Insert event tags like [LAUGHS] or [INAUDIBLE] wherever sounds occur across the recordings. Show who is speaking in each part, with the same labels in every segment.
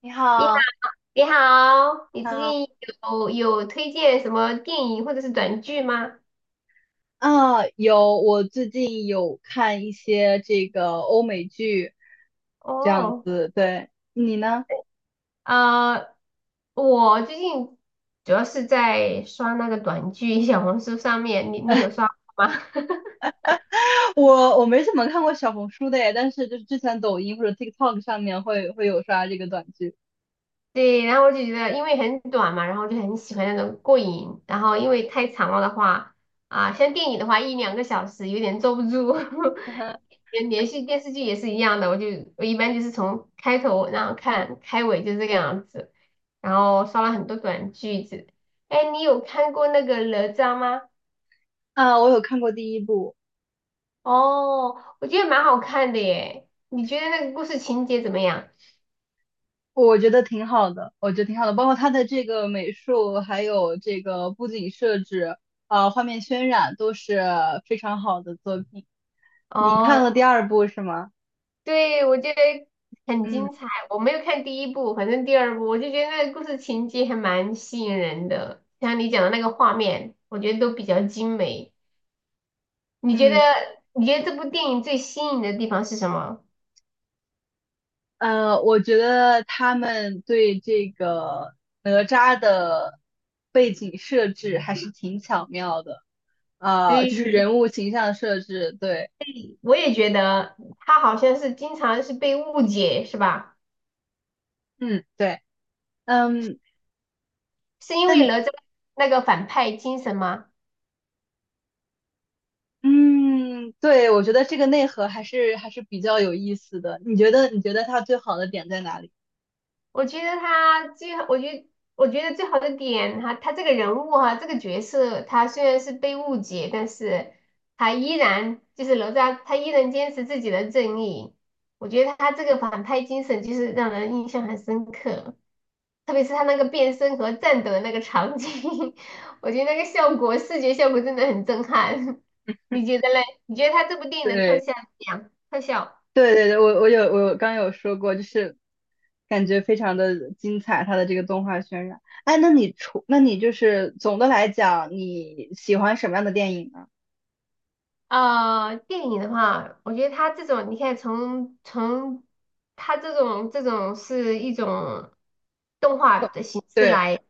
Speaker 1: 你
Speaker 2: 你好，
Speaker 1: 好，
Speaker 2: 你好，你最
Speaker 1: 啊
Speaker 2: 近有推荐什么电影或者是短剧吗？
Speaker 1: 啊，有，我最近有看一些这个欧美剧，这样
Speaker 2: 哦，
Speaker 1: 子，对，你呢？
Speaker 2: 呃，我最近主要是在刷那个短剧，小红书上面，你有刷吗？[LAUGHS]
Speaker 1: [LAUGHS] 我没怎么看过小红书的耶，但是就是之前抖音或者 TikTok 上面会有刷这个短剧，
Speaker 2: 对，然后我就觉得因为很短嘛，然后就很喜欢那种过瘾，然后因为太长了的话，啊、像电影的话一两个小时有点坐不住，[LAUGHS]
Speaker 1: [LAUGHS] 嗯哼。
Speaker 2: 连续电视剧也是一样的，我一般就是从开头然后看开尾就这个样子。然后刷了很多短句子。哎，你有看过那个哪吒吗？
Speaker 1: 啊，我有看过第一部，
Speaker 2: 哦，我觉得蛮好看的耶。你觉得那个故事情节怎么样？
Speaker 1: 我觉得挺好的，我觉得挺好的，包括它的这个美术，还有这个布景设置，啊，画面渲染都是非常好的作品。你
Speaker 2: 哦，
Speaker 1: 看了第二部是吗？
Speaker 2: 对，我觉得很
Speaker 1: 嗯
Speaker 2: 精彩。我没有看第一部，反正第二部我就觉得那个故事情节还蛮吸引人的，像你讲的那个画面，我觉得都比较精美。你觉得
Speaker 1: 嗯。
Speaker 2: 你觉得这部电影最吸引的地方是什么？
Speaker 1: 我觉得他们对这个哪吒的背景设置还是挺巧妙的，就是
Speaker 2: 对，
Speaker 1: 人物形象设置，对，
Speaker 2: 我也觉得它好像是经常是被误解，是吧？
Speaker 1: 嗯，对，嗯，
Speaker 2: 是因
Speaker 1: 那
Speaker 2: 为
Speaker 1: 你，
Speaker 2: 哪吒那个反派精神吗？
Speaker 1: 嗯，对，我觉得这个内核还是比较有意思的。你觉得，你觉得它最好的点在哪里？
Speaker 2: 我觉得他最，我觉得我觉得最好的点哈，他这个人物哈、这个角色，他虽然是被误解，但是他依然就是哪吒，他依然坚持自己的正义。我觉得他这个反派精神就是让人印象很深刻，特别是他那个变身和战斗的那个场景，[LAUGHS] 我觉得那个效果，视觉效果真的很震撼。[LAUGHS] 你觉得嘞？你觉得他这部电影的特
Speaker 1: 对。
Speaker 2: 效怎么样？特效？
Speaker 1: 对对对，我有刚有说过，就是感觉非常的精彩，它的这个动画渲染。哎，那你就是总的来讲，你喜欢什么样的电影呢？
Speaker 2: 电影的话，我觉得它这种，你看从它这种是一种动画的形式
Speaker 1: 对，
Speaker 2: 来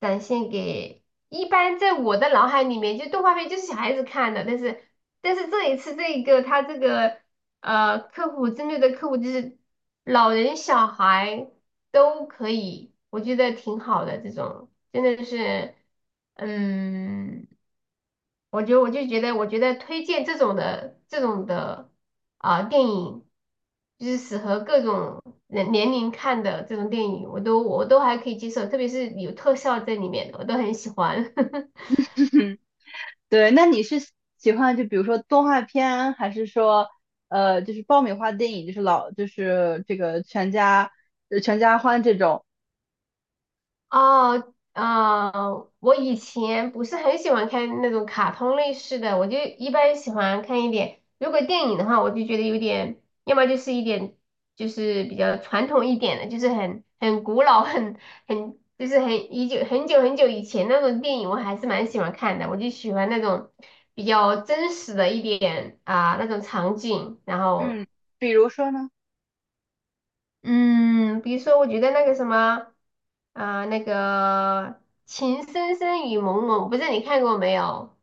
Speaker 2: 展现给，一般在我的脑海里面，就动画片就是小孩子看的，但是这一次这个它这个客户针对的客户就是老人小孩都可以，我觉得挺好的这种，真的是嗯。我觉得我就觉得，我觉得推荐这种的啊、电影，就是适合各种人年龄看的这种电影，我都还可以接受，特别是有特效在里面的，我都很喜欢。[LAUGHS]
Speaker 1: 对，那你是喜欢就比如说动画片，还是说就是爆米花电影，就是就是这个全家欢这种？
Speaker 2: 哦，我以前不是很喜欢看那种卡通类似的，我就一般喜欢看一点。如果电影的话，我就觉得有点，要么就是一点，就是比较传统一点的，就是很古老、很就是很已久很久以前那种电影，我还是蛮喜欢看的。我就喜欢那种比较真实的一点啊、那种场景，然后。
Speaker 1: 嗯，比如说呢？
Speaker 2: 嗯，比如说，我觉得那个什么，啊、那个《情深深雨蒙蒙》，我不知道你看过没有？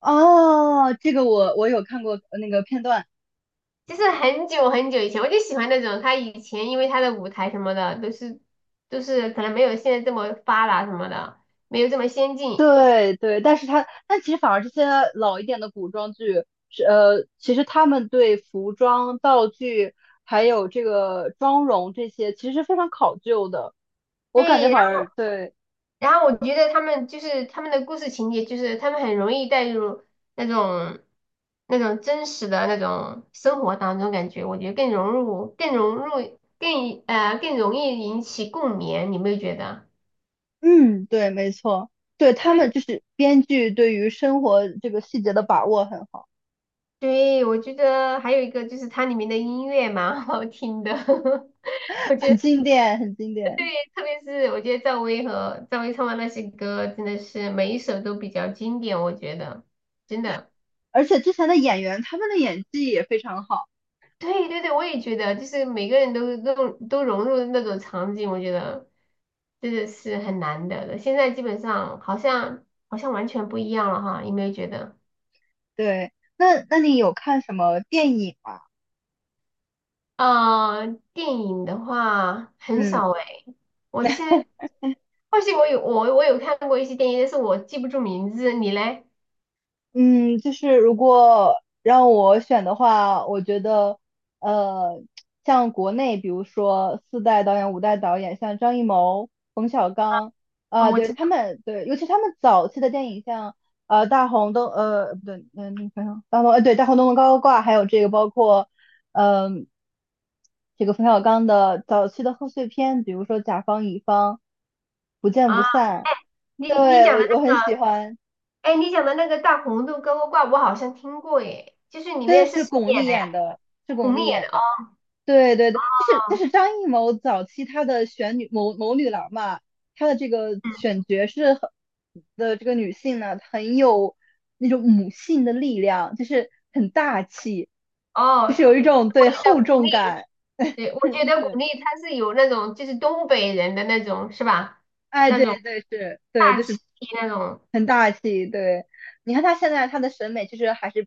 Speaker 1: 哦，这个我有看过那个片段。
Speaker 2: 就是很久以前，我就喜欢那种他以前，因为他的舞台什么的都是都是可能没有现在这么发达什么的，没有这么先进。
Speaker 1: 对对，但是它，但其实反而这些老一点的古装剧，是其实他们对服装、道具还有这个妆容这些，其实是非常考究的。我感觉
Speaker 2: 对，
Speaker 1: 反而对，
Speaker 2: 然后我觉得他们的故事情节，就是他们很容易带入那种那种真实的那种生活当中，感觉我觉得更融入、更更容易引起共鸣，你有没有觉得？
Speaker 1: 嗯，对，没错，对
Speaker 2: 特
Speaker 1: 他
Speaker 2: 别
Speaker 1: 们就是编剧对于生活这个细节的把握很好，
Speaker 2: 对，我觉得还有一个就是它里面的音乐蛮好听的，[LAUGHS] 我觉
Speaker 1: 很
Speaker 2: 得
Speaker 1: 经典，很经
Speaker 2: 对，
Speaker 1: 典。
Speaker 2: 特别是我觉得赵薇唱的那些歌，真的是每一首都比较经典，我觉得真的。
Speaker 1: 而且之前的演员他们的演技也非常好。
Speaker 2: 对对对，我也觉得，就是每个人都融入那种场景，我觉得真的是很难得的。现在基本上好像完全不一样了哈，有没有觉得？
Speaker 1: 对，那你有看什么电影吗？
Speaker 2: 呃，电影的话很
Speaker 1: 嗯
Speaker 2: 少诶，我现在或许我有看过一些电影，但是我记不住名字。你嘞？
Speaker 1: 嗯，就是如果让我选的话，我觉得，呃，像国内，比如说四代导演、五代导演，像张艺谋、冯小刚，
Speaker 2: 啊、
Speaker 1: 啊、
Speaker 2: 我
Speaker 1: 对
Speaker 2: 知道
Speaker 1: 他们，对，尤其他们早期的电影，像《大红灯》，不对，嗯、那个叫什么大红，对，《大红灯笼高高挂》，还有这个包括，嗯、这个冯小刚的早期的贺岁片，比如说《甲方乙方》，《不见不
Speaker 2: 啊，
Speaker 1: 散》，
Speaker 2: 你你
Speaker 1: 对，
Speaker 2: 讲的
Speaker 1: 我
Speaker 2: 那
Speaker 1: 很
Speaker 2: 个，
Speaker 1: 喜欢。
Speaker 2: 哎，你讲的那个大红豆高高挂，我好像听过耶，就是里
Speaker 1: 对，
Speaker 2: 面是
Speaker 1: 是
Speaker 2: 谁
Speaker 1: 巩
Speaker 2: 演
Speaker 1: 俐
Speaker 2: 的呀？
Speaker 1: 演的，是巩
Speaker 2: 巩
Speaker 1: 俐
Speaker 2: 俐演
Speaker 1: 演
Speaker 2: 的
Speaker 1: 的。对对对，就是就
Speaker 2: 哦，
Speaker 1: 是张艺谋早期他的选谋女郎嘛，他的这个
Speaker 2: 嗯，
Speaker 1: 选角是很的这个女性呢，很有那种母性的力量，就是很大气，就是
Speaker 2: 哦。
Speaker 1: 有一种
Speaker 2: 我
Speaker 1: 对
Speaker 2: 记得
Speaker 1: 厚
Speaker 2: 佟
Speaker 1: 重
Speaker 2: 丽
Speaker 1: 感。
Speaker 2: 对，我觉得巩
Speaker 1: 对
Speaker 2: 俐它是有那种就是东北人的那种是吧？那
Speaker 1: 对
Speaker 2: 种
Speaker 1: 对，是，对，
Speaker 2: 大
Speaker 1: 就
Speaker 2: 气
Speaker 1: 是
Speaker 2: 那种。
Speaker 1: 很大气，对。你看他现在他的审美其实还是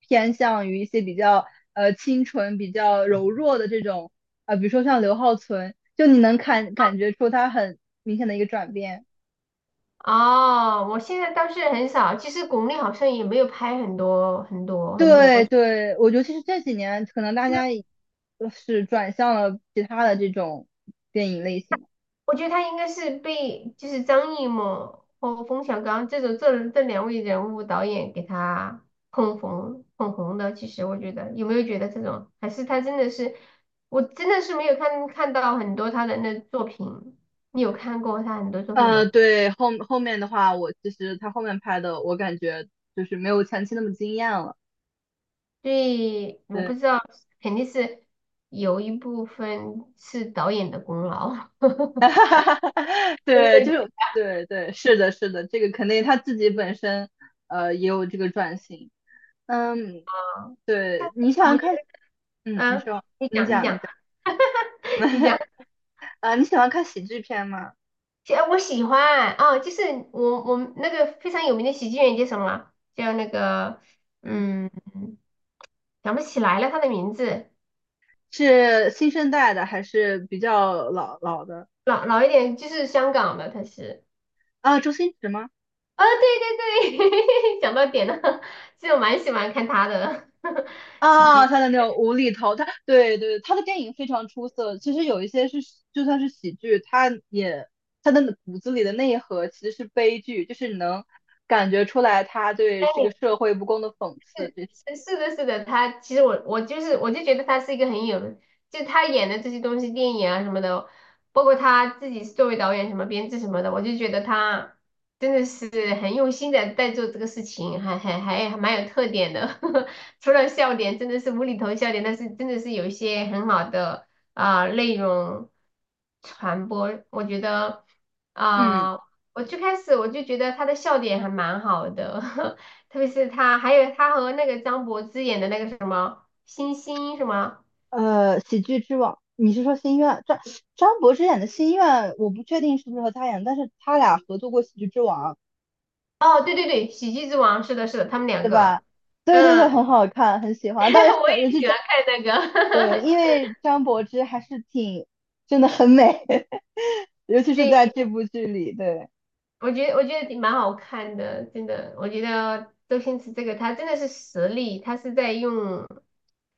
Speaker 1: 偏向于一些比较清纯、比较柔弱的这种，比如说像刘浩存，就你能看感觉出他很明显的一个转变。
Speaker 2: 哦，我现在倒是很少，其实巩俐好像也没有拍很多。
Speaker 1: 对
Speaker 2: 其
Speaker 1: 对，我觉得其实这几年可能大家
Speaker 2: 实
Speaker 1: 就是转向了其他的这种电影类型。
Speaker 2: 我觉得她应该是被就是张艺谋和冯小刚这种这两位人物导演给她捧红。其实我觉得有没有觉得这种，还是她真的是我真的是没有看到很多她的那作品。你有看过她很多作品吗？
Speaker 1: 对，后面的话，我其实他后面拍的，我感觉就是没有前期那么惊艳了。
Speaker 2: 所以我
Speaker 1: 对。
Speaker 2: 不知道，肯定是有一部分是导演的功劳。
Speaker 1: [LAUGHS] 哈
Speaker 2: [LAUGHS]
Speaker 1: 哈哈哈 [LAUGHS] 对，
Speaker 2: 对
Speaker 1: 就
Speaker 2: 的，
Speaker 1: 是对对，是的，是的，这个肯定他自己本身也有这个转型，嗯，
Speaker 2: 但
Speaker 1: 对，
Speaker 2: 是
Speaker 1: 你喜
Speaker 2: 我
Speaker 1: 欢
Speaker 2: 觉
Speaker 1: 看，嗯，
Speaker 2: 得，
Speaker 1: 你
Speaker 2: 啊，
Speaker 1: 说，
Speaker 2: 你
Speaker 1: 你
Speaker 2: 讲，你
Speaker 1: 讲，
Speaker 2: 讲，
Speaker 1: 你讲，
Speaker 2: [LAUGHS] 你讲，
Speaker 1: [LAUGHS] 啊，你喜欢看喜剧片吗？
Speaker 2: 其实我喜欢啊，就是我们那个非常有名的喜剧演员叫什么啊？叫那个，
Speaker 1: 嗯，
Speaker 2: 嗯，想不起来了他的名字，
Speaker 1: 是新生代的还是比较老老的？
Speaker 2: 老老一点，就是香港的，他是，
Speaker 1: 啊，周星驰吗？
Speaker 2: 啊，对对对，[LAUGHS] 讲到点了，[LAUGHS] 其实我蛮喜欢看他的 [LAUGHS] 喜
Speaker 1: 啊，
Speaker 2: 剧。
Speaker 1: 他的那种无厘头，他对对，他的电影非常出色。其实有一些是就算是喜剧，他也他的骨子里的内核其实是悲剧，就是你能感觉出来他对这个社会不公的讽刺。
Speaker 2: 是是的，是的，他其实我就觉得他是一个很有，就他演的这些东西，电影啊什么的，包括他自己作为导演什么编制什么的，我就觉得他真的是很用心的在做这个事情，还蛮有特点的。[LAUGHS] 除了笑点真的是无厘头笑点，但是真的是有一些很好的啊、内容传播，我觉得
Speaker 1: 嗯
Speaker 2: 啊、我最开始我就觉得他的笑点还蛮好的。[LAUGHS] 特别是他，还有他和那个张柏芝演的那个什么星星什么？
Speaker 1: 喜剧之王，你是说《心愿》？张柏芝演的《心愿》，我不确定是不是和他演，但是他俩合作过《喜剧之王》，
Speaker 2: 哦，对对对，《喜剧之王》是的，是的，他们两
Speaker 1: 对吧？
Speaker 2: 个，
Speaker 1: 对对对，
Speaker 2: 嗯，
Speaker 1: 很好看，很喜欢。但是
Speaker 2: [LAUGHS] 我
Speaker 1: 这
Speaker 2: 也喜欢看那
Speaker 1: 对，[LAUGHS]
Speaker 2: 个，
Speaker 1: 因为张柏芝还是真的很美，[LAUGHS] 尤其
Speaker 2: [LAUGHS]
Speaker 1: 是在
Speaker 2: 对，
Speaker 1: 这部剧里，对。
Speaker 2: 我觉得挺蛮好看的，真的，我觉得周星驰这个他真的是实力，他是在用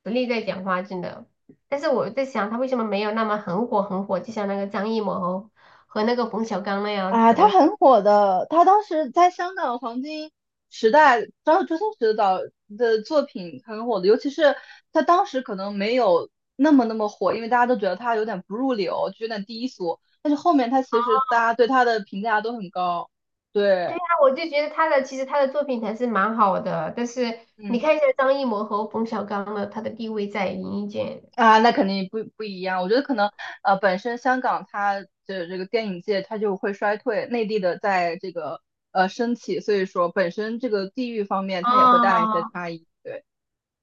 Speaker 2: 实力在讲话，真的。但是我在想，他为什么没有那么很火，就像那个张艺谋和那个冯小刚那样
Speaker 1: 啊，
Speaker 2: 子，
Speaker 1: 她
Speaker 2: 我
Speaker 1: 很火的，她当时在香港黄金时代，周星驰导的作品很火的，尤其是她当时可能没有那么那么火，因为大家都觉得她有点不入流，就有点低俗，但是后面她其实大家对她的评价都很高，
Speaker 2: 对
Speaker 1: 对，
Speaker 2: 呀，我就觉得他的其实他的作品还是蛮好的，但是你看
Speaker 1: 嗯。
Speaker 2: 一下张艺谋和冯小刚的，他的地位在演艺界。
Speaker 1: 啊，那肯定不一样。我觉得可能，本身香港它的这个电影界它就会衰退，内地的在这个升起，所以说本身这个地域方面它也会带来一
Speaker 2: 哦
Speaker 1: 些差异。对，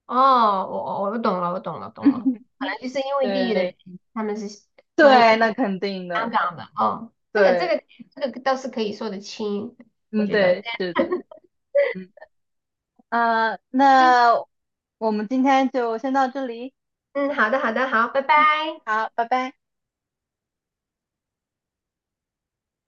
Speaker 2: 哦，我懂了，
Speaker 1: [LAUGHS]
Speaker 2: 懂了，
Speaker 1: 嗯
Speaker 2: 可能就是因为地域的原
Speaker 1: 对，
Speaker 2: 因，他们是张艺
Speaker 1: 对，那肯定的，
Speaker 2: 长的哦，
Speaker 1: 对，
Speaker 2: 这个倒是可以说得清，我
Speaker 1: 嗯，
Speaker 2: 觉得
Speaker 1: 对，是
Speaker 2: 这
Speaker 1: 的，
Speaker 2: 样
Speaker 1: 嗯，啊，那我们今天就先到这里，
Speaker 2: [LAUGHS] 嗯，好的好，拜
Speaker 1: 嗯，
Speaker 2: 拜。
Speaker 1: 好，拜拜。